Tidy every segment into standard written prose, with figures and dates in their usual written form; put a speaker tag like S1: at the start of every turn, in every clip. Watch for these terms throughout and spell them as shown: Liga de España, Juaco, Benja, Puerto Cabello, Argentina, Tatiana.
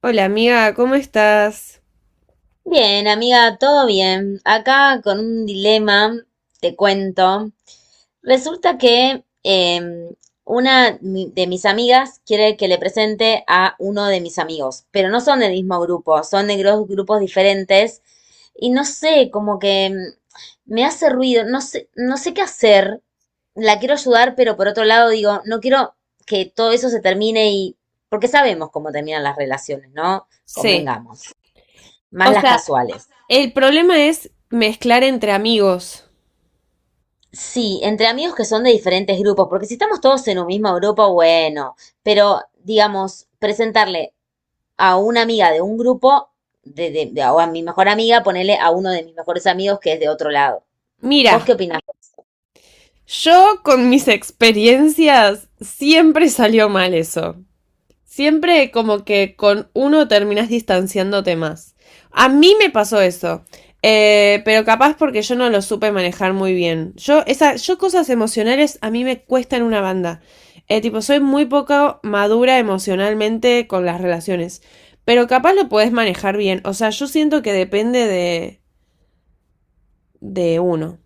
S1: Hola amiga, ¿cómo estás?
S2: Bien, amiga, todo bien. Acá con un dilema, te cuento. Resulta que una de mis amigas quiere que le presente a uno de mis amigos, pero no son del mismo grupo, son de grupos diferentes. Y no sé, como que me hace ruido, no sé, no sé qué hacer. La quiero ayudar, pero por otro lado digo, no quiero que todo eso se termine y porque sabemos cómo terminan las relaciones, ¿no?
S1: Sí.
S2: Convengamos.
S1: O
S2: Más las
S1: sea,
S2: casuales.
S1: el problema es mezclar entre amigos.
S2: Sí, entre amigos que son de diferentes grupos, porque si estamos todos en un mismo grupo, bueno, pero digamos, presentarle a una amiga de un grupo, o a mi mejor amiga, ponerle a uno de mis mejores amigos que es de otro lado.
S1: Mira,
S2: ¿Vos qué opinás?
S1: yo con mis experiencias siempre salió mal eso. Siempre como que con uno terminás distanciándote más. A mí me pasó eso. Pero capaz porque yo no lo supe manejar muy bien. Yo cosas emocionales a mí me cuestan una banda. Tipo, soy muy poco madura emocionalmente con las relaciones. Pero capaz lo podés manejar bien. O sea, yo siento que depende de uno.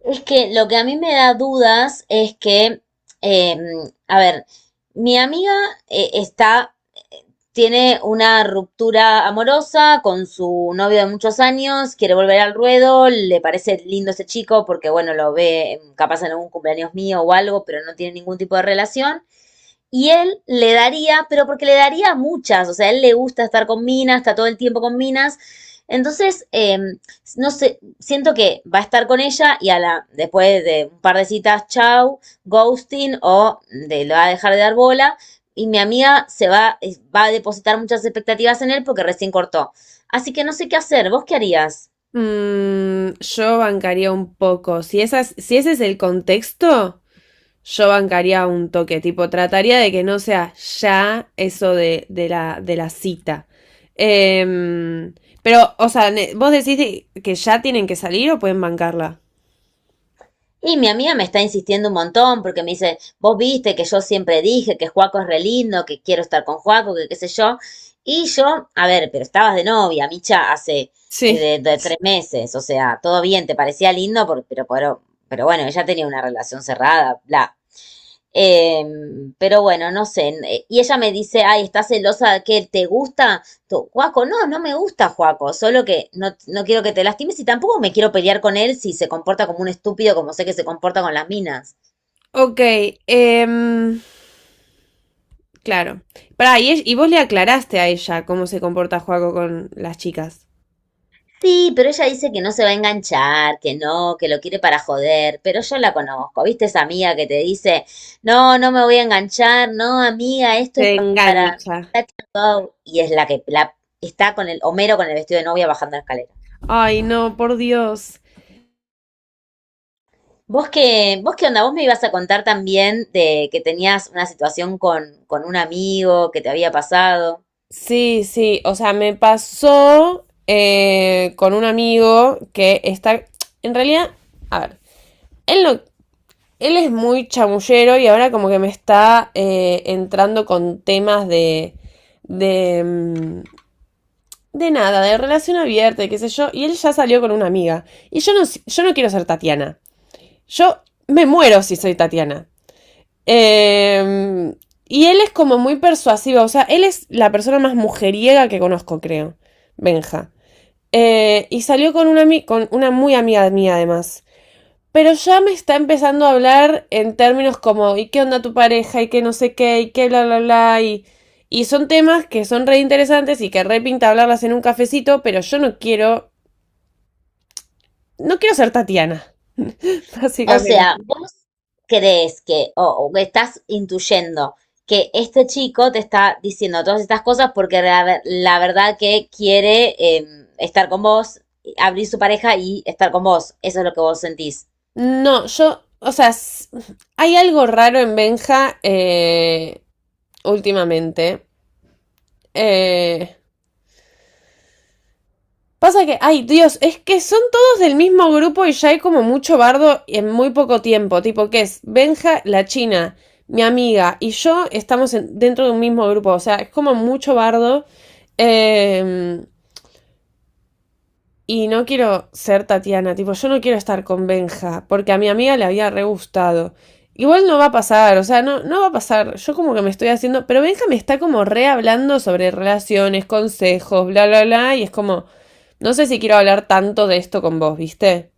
S2: Es que lo que a mí me da dudas es que, eh, a ver, mi amiga está, tiene una ruptura amorosa con su novio de muchos años, quiere volver al ruedo, le parece lindo ese chico porque, bueno, lo ve capaz en algún cumpleaños mío o algo, pero no tiene ningún tipo de relación. Y él le daría, pero porque le daría muchas, o sea, a él le gusta estar con minas, está todo el tiempo con minas. Entonces, no sé, siento que va a estar con ella y a la, después de un par de citas, chau, ghosting o de, le va a dejar de dar bola. Y mi amiga se va, va a depositar muchas expectativas en él porque recién cortó. Así que no sé qué hacer, ¿vos qué harías?
S1: Yo bancaría un poco. Si ese es el contexto, yo bancaría un toque, tipo, trataría de que no sea ya eso de la cita. Em, pero, o sea, vos decís que ya tienen que salir o pueden bancarla.
S2: Y mi amiga me está insistiendo un montón porque me dice, vos viste que yo siempre dije que Juaco es re lindo, que quiero estar con Juaco, que qué sé yo. Y yo, a ver, pero estabas de novia, Micha, hace
S1: Sí.
S2: de tres meses, o sea, todo bien, te parecía lindo, pero bueno, ella tenía una relación cerrada, bla. Eh, pero bueno, no sé. Y ella me dice, ay, ¿estás celosa de que te gusta? Juaco, no, no me gusta Juaco, solo que no, no quiero que te lastimes y tampoco me quiero pelear con él si se comporta como un estúpido, como sé que se comporta con las minas.
S1: Ok, em, claro. Pará, y, y vos le aclaraste a ella cómo se comporta Juaco con las chicas.
S2: Sí, pero ella dice que no se va a enganchar, que no, que lo quiere para joder, pero yo la conozco, ¿viste esa amiga que te dice, no, no me voy a enganchar, no, amiga, esto es
S1: Se
S2: para...
S1: engancha.
S2: Y es la que la, está con el Homero con el vestido de novia bajando la escalera.
S1: Ay, no, por Dios.
S2: Vos qué onda? Vos me ibas a contar también de que tenías una situación con un amigo que te había pasado.
S1: Sí, sí, o sea, me pasó con un amigo que está, en realidad, a ver, él no, él es muy chamullero y ahora como que me está entrando con temas de, mm, de nada, de relación abierta, y qué sé yo, y él ya salió con una amiga. Y yo no, yo no quiero ser Tatiana. Yo me muero si soy Tatiana. Eh, y él es como muy persuasivo, o sea, él es la persona más mujeriega que conozco, creo, Benja. Y salió con una muy amiga mía, además. Pero ya me está empezando a hablar en términos como, ¿y qué onda tu pareja? ¿Y qué no sé qué? ¿Y qué bla, bla, bla? Y son temas que son re interesantes y que re pinta hablarlas en un cafecito, pero yo no quiero, no quiero ser Tatiana,
S2: O sea,
S1: básicamente.
S2: vos crees que, o que estás intuyendo que este chico te está diciendo todas estas cosas porque la, la verdad que quiere estar con vos, abrir su pareja y estar con vos. Eso es lo que vos sentís.
S1: No, yo, o sea, hay algo raro en Benja últimamente. Eh, Pasa que, ay Dios, es que son todos del mismo grupo y ya hay como mucho bardo en muy poco tiempo. Tipo, que es Benja, la china, mi amiga y yo estamos dentro de un mismo grupo. O sea, es como mucho bardo. Eh, Y no quiero ser Tatiana, tipo, yo no quiero estar con Benja, porque a mi amiga le había re gustado. Igual no va a pasar, o sea, no, no va a pasar. Yo como que me estoy haciendo. Pero Benja me está como re hablando sobre relaciones, consejos, bla, bla, bla. Y es como. No sé si quiero hablar tanto de esto con vos, ¿viste?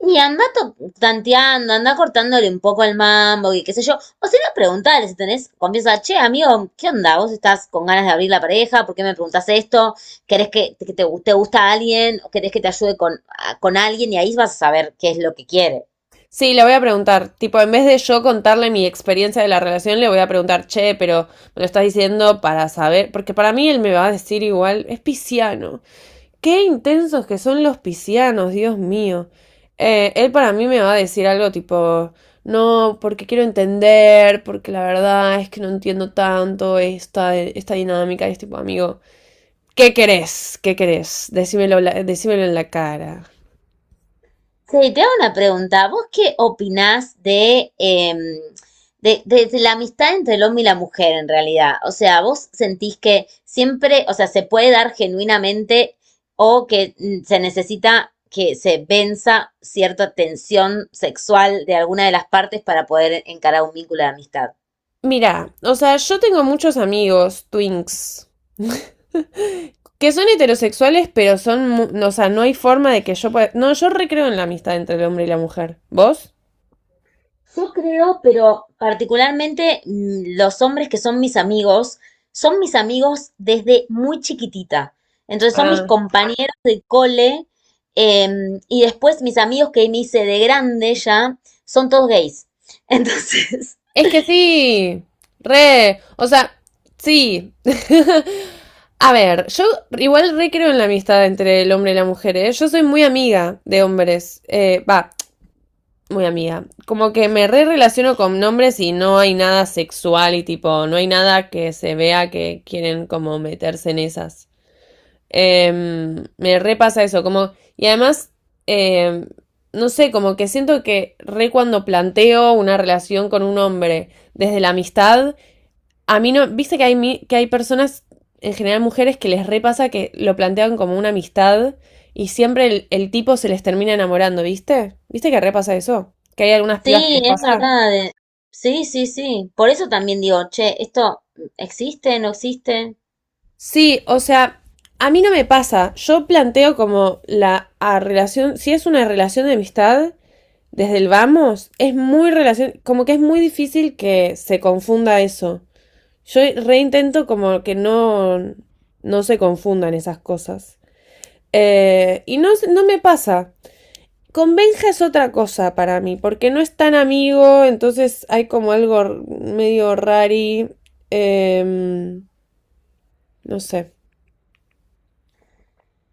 S2: Y anda tanteando, anda cortándole un poco el mambo y qué sé yo. O si no, preguntale si tenés confianza. Che, amigo, ¿qué onda? ¿Vos estás con ganas de abrir la pareja? ¿Por qué me preguntás esto? ¿Querés que te gusta alguien? ¿O querés que te ayude con, con alguien? Y ahí vas a saber qué es lo que quiere.
S1: Sí, le voy a preguntar. Tipo, en vez de yo contarle mi experiencia de la relación, le voy a preguntar, che, pero me lo estás diciendo para saber. Porque para mí él me va a decir igual, es pisciano. Qué intensos que son los piscianos, Dios mío. Él para mí me va a decir algo tipo, no, porque quiero entender, porque la verdad es que no entiendo tanto esta dinámica, y es tipo, amigo, ¿qué querés? ¿Qué querés? Decímelo, decímelo en la cara.
S2: Sí, te hago una pregunta. ¿Vos qué opinás de, de la amistad entre el hombre y la mujer en realidad? O sea, ¿vos sentís que siempre, o sea, se puede dar genuinamente o que se necesita que se venza cierta tensión sexual de alguna de las partes para poder encarar un vínculo de amistad?
S1: Mira, o sea, yo tengo muchos amigos, twinks, que son heterosexuales, pero son, no, o sea, no hay forma de que yo pueda... No, yo recreo en la amistad entre el hombre y la mujer. ¿Vos?
S2: Yo creo, pero particularmente los hombres que son mis amigos desde muy chiquitita. Entonces son mis
S1: Ah.
S2: compañeros de cole y después mis amigos que me hice de grande ya, son todos gays. Entonces,
S1: Es que sí, re, o sea, sí. A ver, yo igual re creo en la amistad entre el hombre y la mujer, ¿eh? Yo soy muy amiga de hombres, va, muy amiga. Como que me re relaciono con hombres y no hay nada sexual y tipo, no hay nada que se vea que quieren como meterse en esas. Me repasa eso, como, y además, em, no sé, como que siento que re cuando planteo una relación con un hombre desde la amistad, a mí no, viste que hay, que hay personas, en general mujeres, que les repasa que lo plantean como una amistad y siempre el tipo se les termina enamorando, ¿viste? ¿Viste que repasa eso? Que hay algunas pibas que
S2: sí,
S1: les
S2: es
S1: pasa.
S2: verdad. Sí, sí, sí. Por eso también digo, che, ¿esto existe, no existe?
S1: Sí, o sea, a mí no me pasa. Yo planteo como la a relación, si es una relación de amistad, desde el vamos, es muy relación, como que es muy difícil que se confunda eso. Yo reintento como que no, no se confundan esas cosas. Y no, no me pasa. Con Benja es otra cosa para mí, porque no es tan amigo, entonces hay como algo medio rari. em, no sé.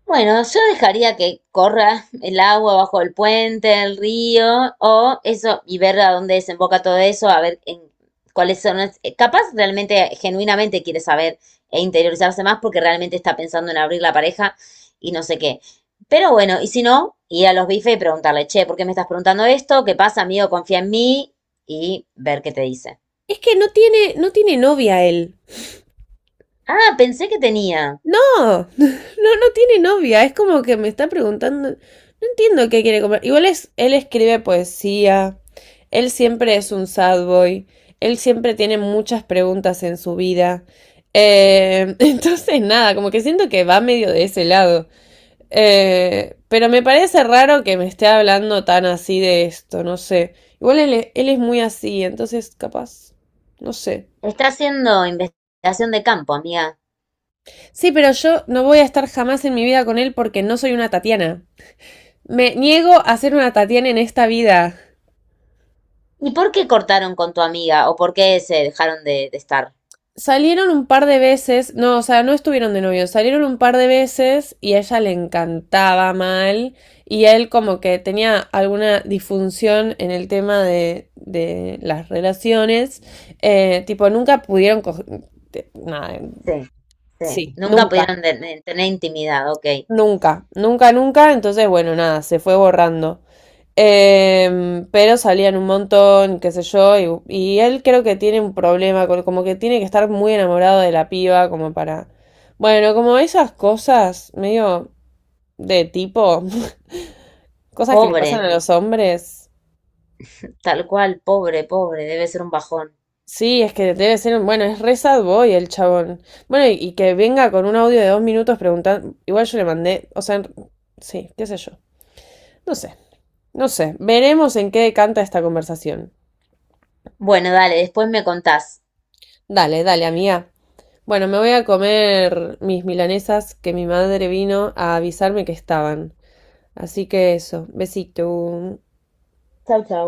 S2: Bueno, yo dejaría que corra el agua bajo el puente, el río, o eso, y ver a dónde desemboca todo eso, a ver en cuáles son. Capaz realmente, genuinamente quiere saber e interiorizarse más porque realmente está pensando en abrir la pareja y no sé qué. Pero bueno, y si no, ir a los bifes y preguntarle, che, ¿por qué me estás preguntando esto? ¿Qué pasa, amigo? Confía en mí y ver qué te dice.
S1: Es que no tiene, no tiene novia él.
S2: Ah, pensé que tenía.
S1: No, no, no tiene novia. Es como que me está preguntando. No entiendo qué quiere comer. Igual es, él escribe poesía. Él siempre es un sad boy. Él siempre tiene muchas preguntas en su vida. Entonces, nada, como que siento que va medio de ese lado. Pero me parece raro que me esté hablando tan así de esto, no sé. Igual él, él es muy así, entonces capaz. No sé.
S2: Está haciendo investigación de campo, amiga.
S1: Sí, pero yo no voy a estar jamás en mi vida con él porque no soy una Tatiana. Me niego a ser una Tatiana en esta vida.
S2: ¿Y por qué cortaron con tu amiga? ¿O por qué se dejaron de estar?
S1: Salieron un par de veces, no, o sea, no estuvieron de novios, salieron un par de veces y a ella le encantaba mal y él como que tenía alguna disfunción en el tema de las relaciones, tipo, nunca pudieron nada,
S2: Sí, sí. Sí, nunca
S1: nunca,
S2: pudieron de tener intimidad, ok.
S1: nunca, nunca, nunca, entonces bueno, nada, se fue borrando. Pero salían un montón, qué sé yo, y él creo que tiene un problema, como que tiene que estar muy enamorado de la piba, como para... Bueno, como esas cosas medio de tipo, cosas que le
S2: Pobre,
S1: pasan a los hombres.
S2: tal cual, pobre, pobre, debe ser un bajón.
S1: Sí, es que debe ser, bueno, es re sad boy el chabón. Bueno, y que venga con un audio de 2 minutos preguntando, igual yo le mandé, o sea, sí, qué sé yo. No sé, no sé, veremos en qué decanta esta conversación.
S2: Bueno, dale, después me contás.
S1: Dale, dale, amiga. Bueno, me voy a comer mis milanesas que mi madre vino a avisarme que estaban. Así que eso, besito.
S2: Chau, chau.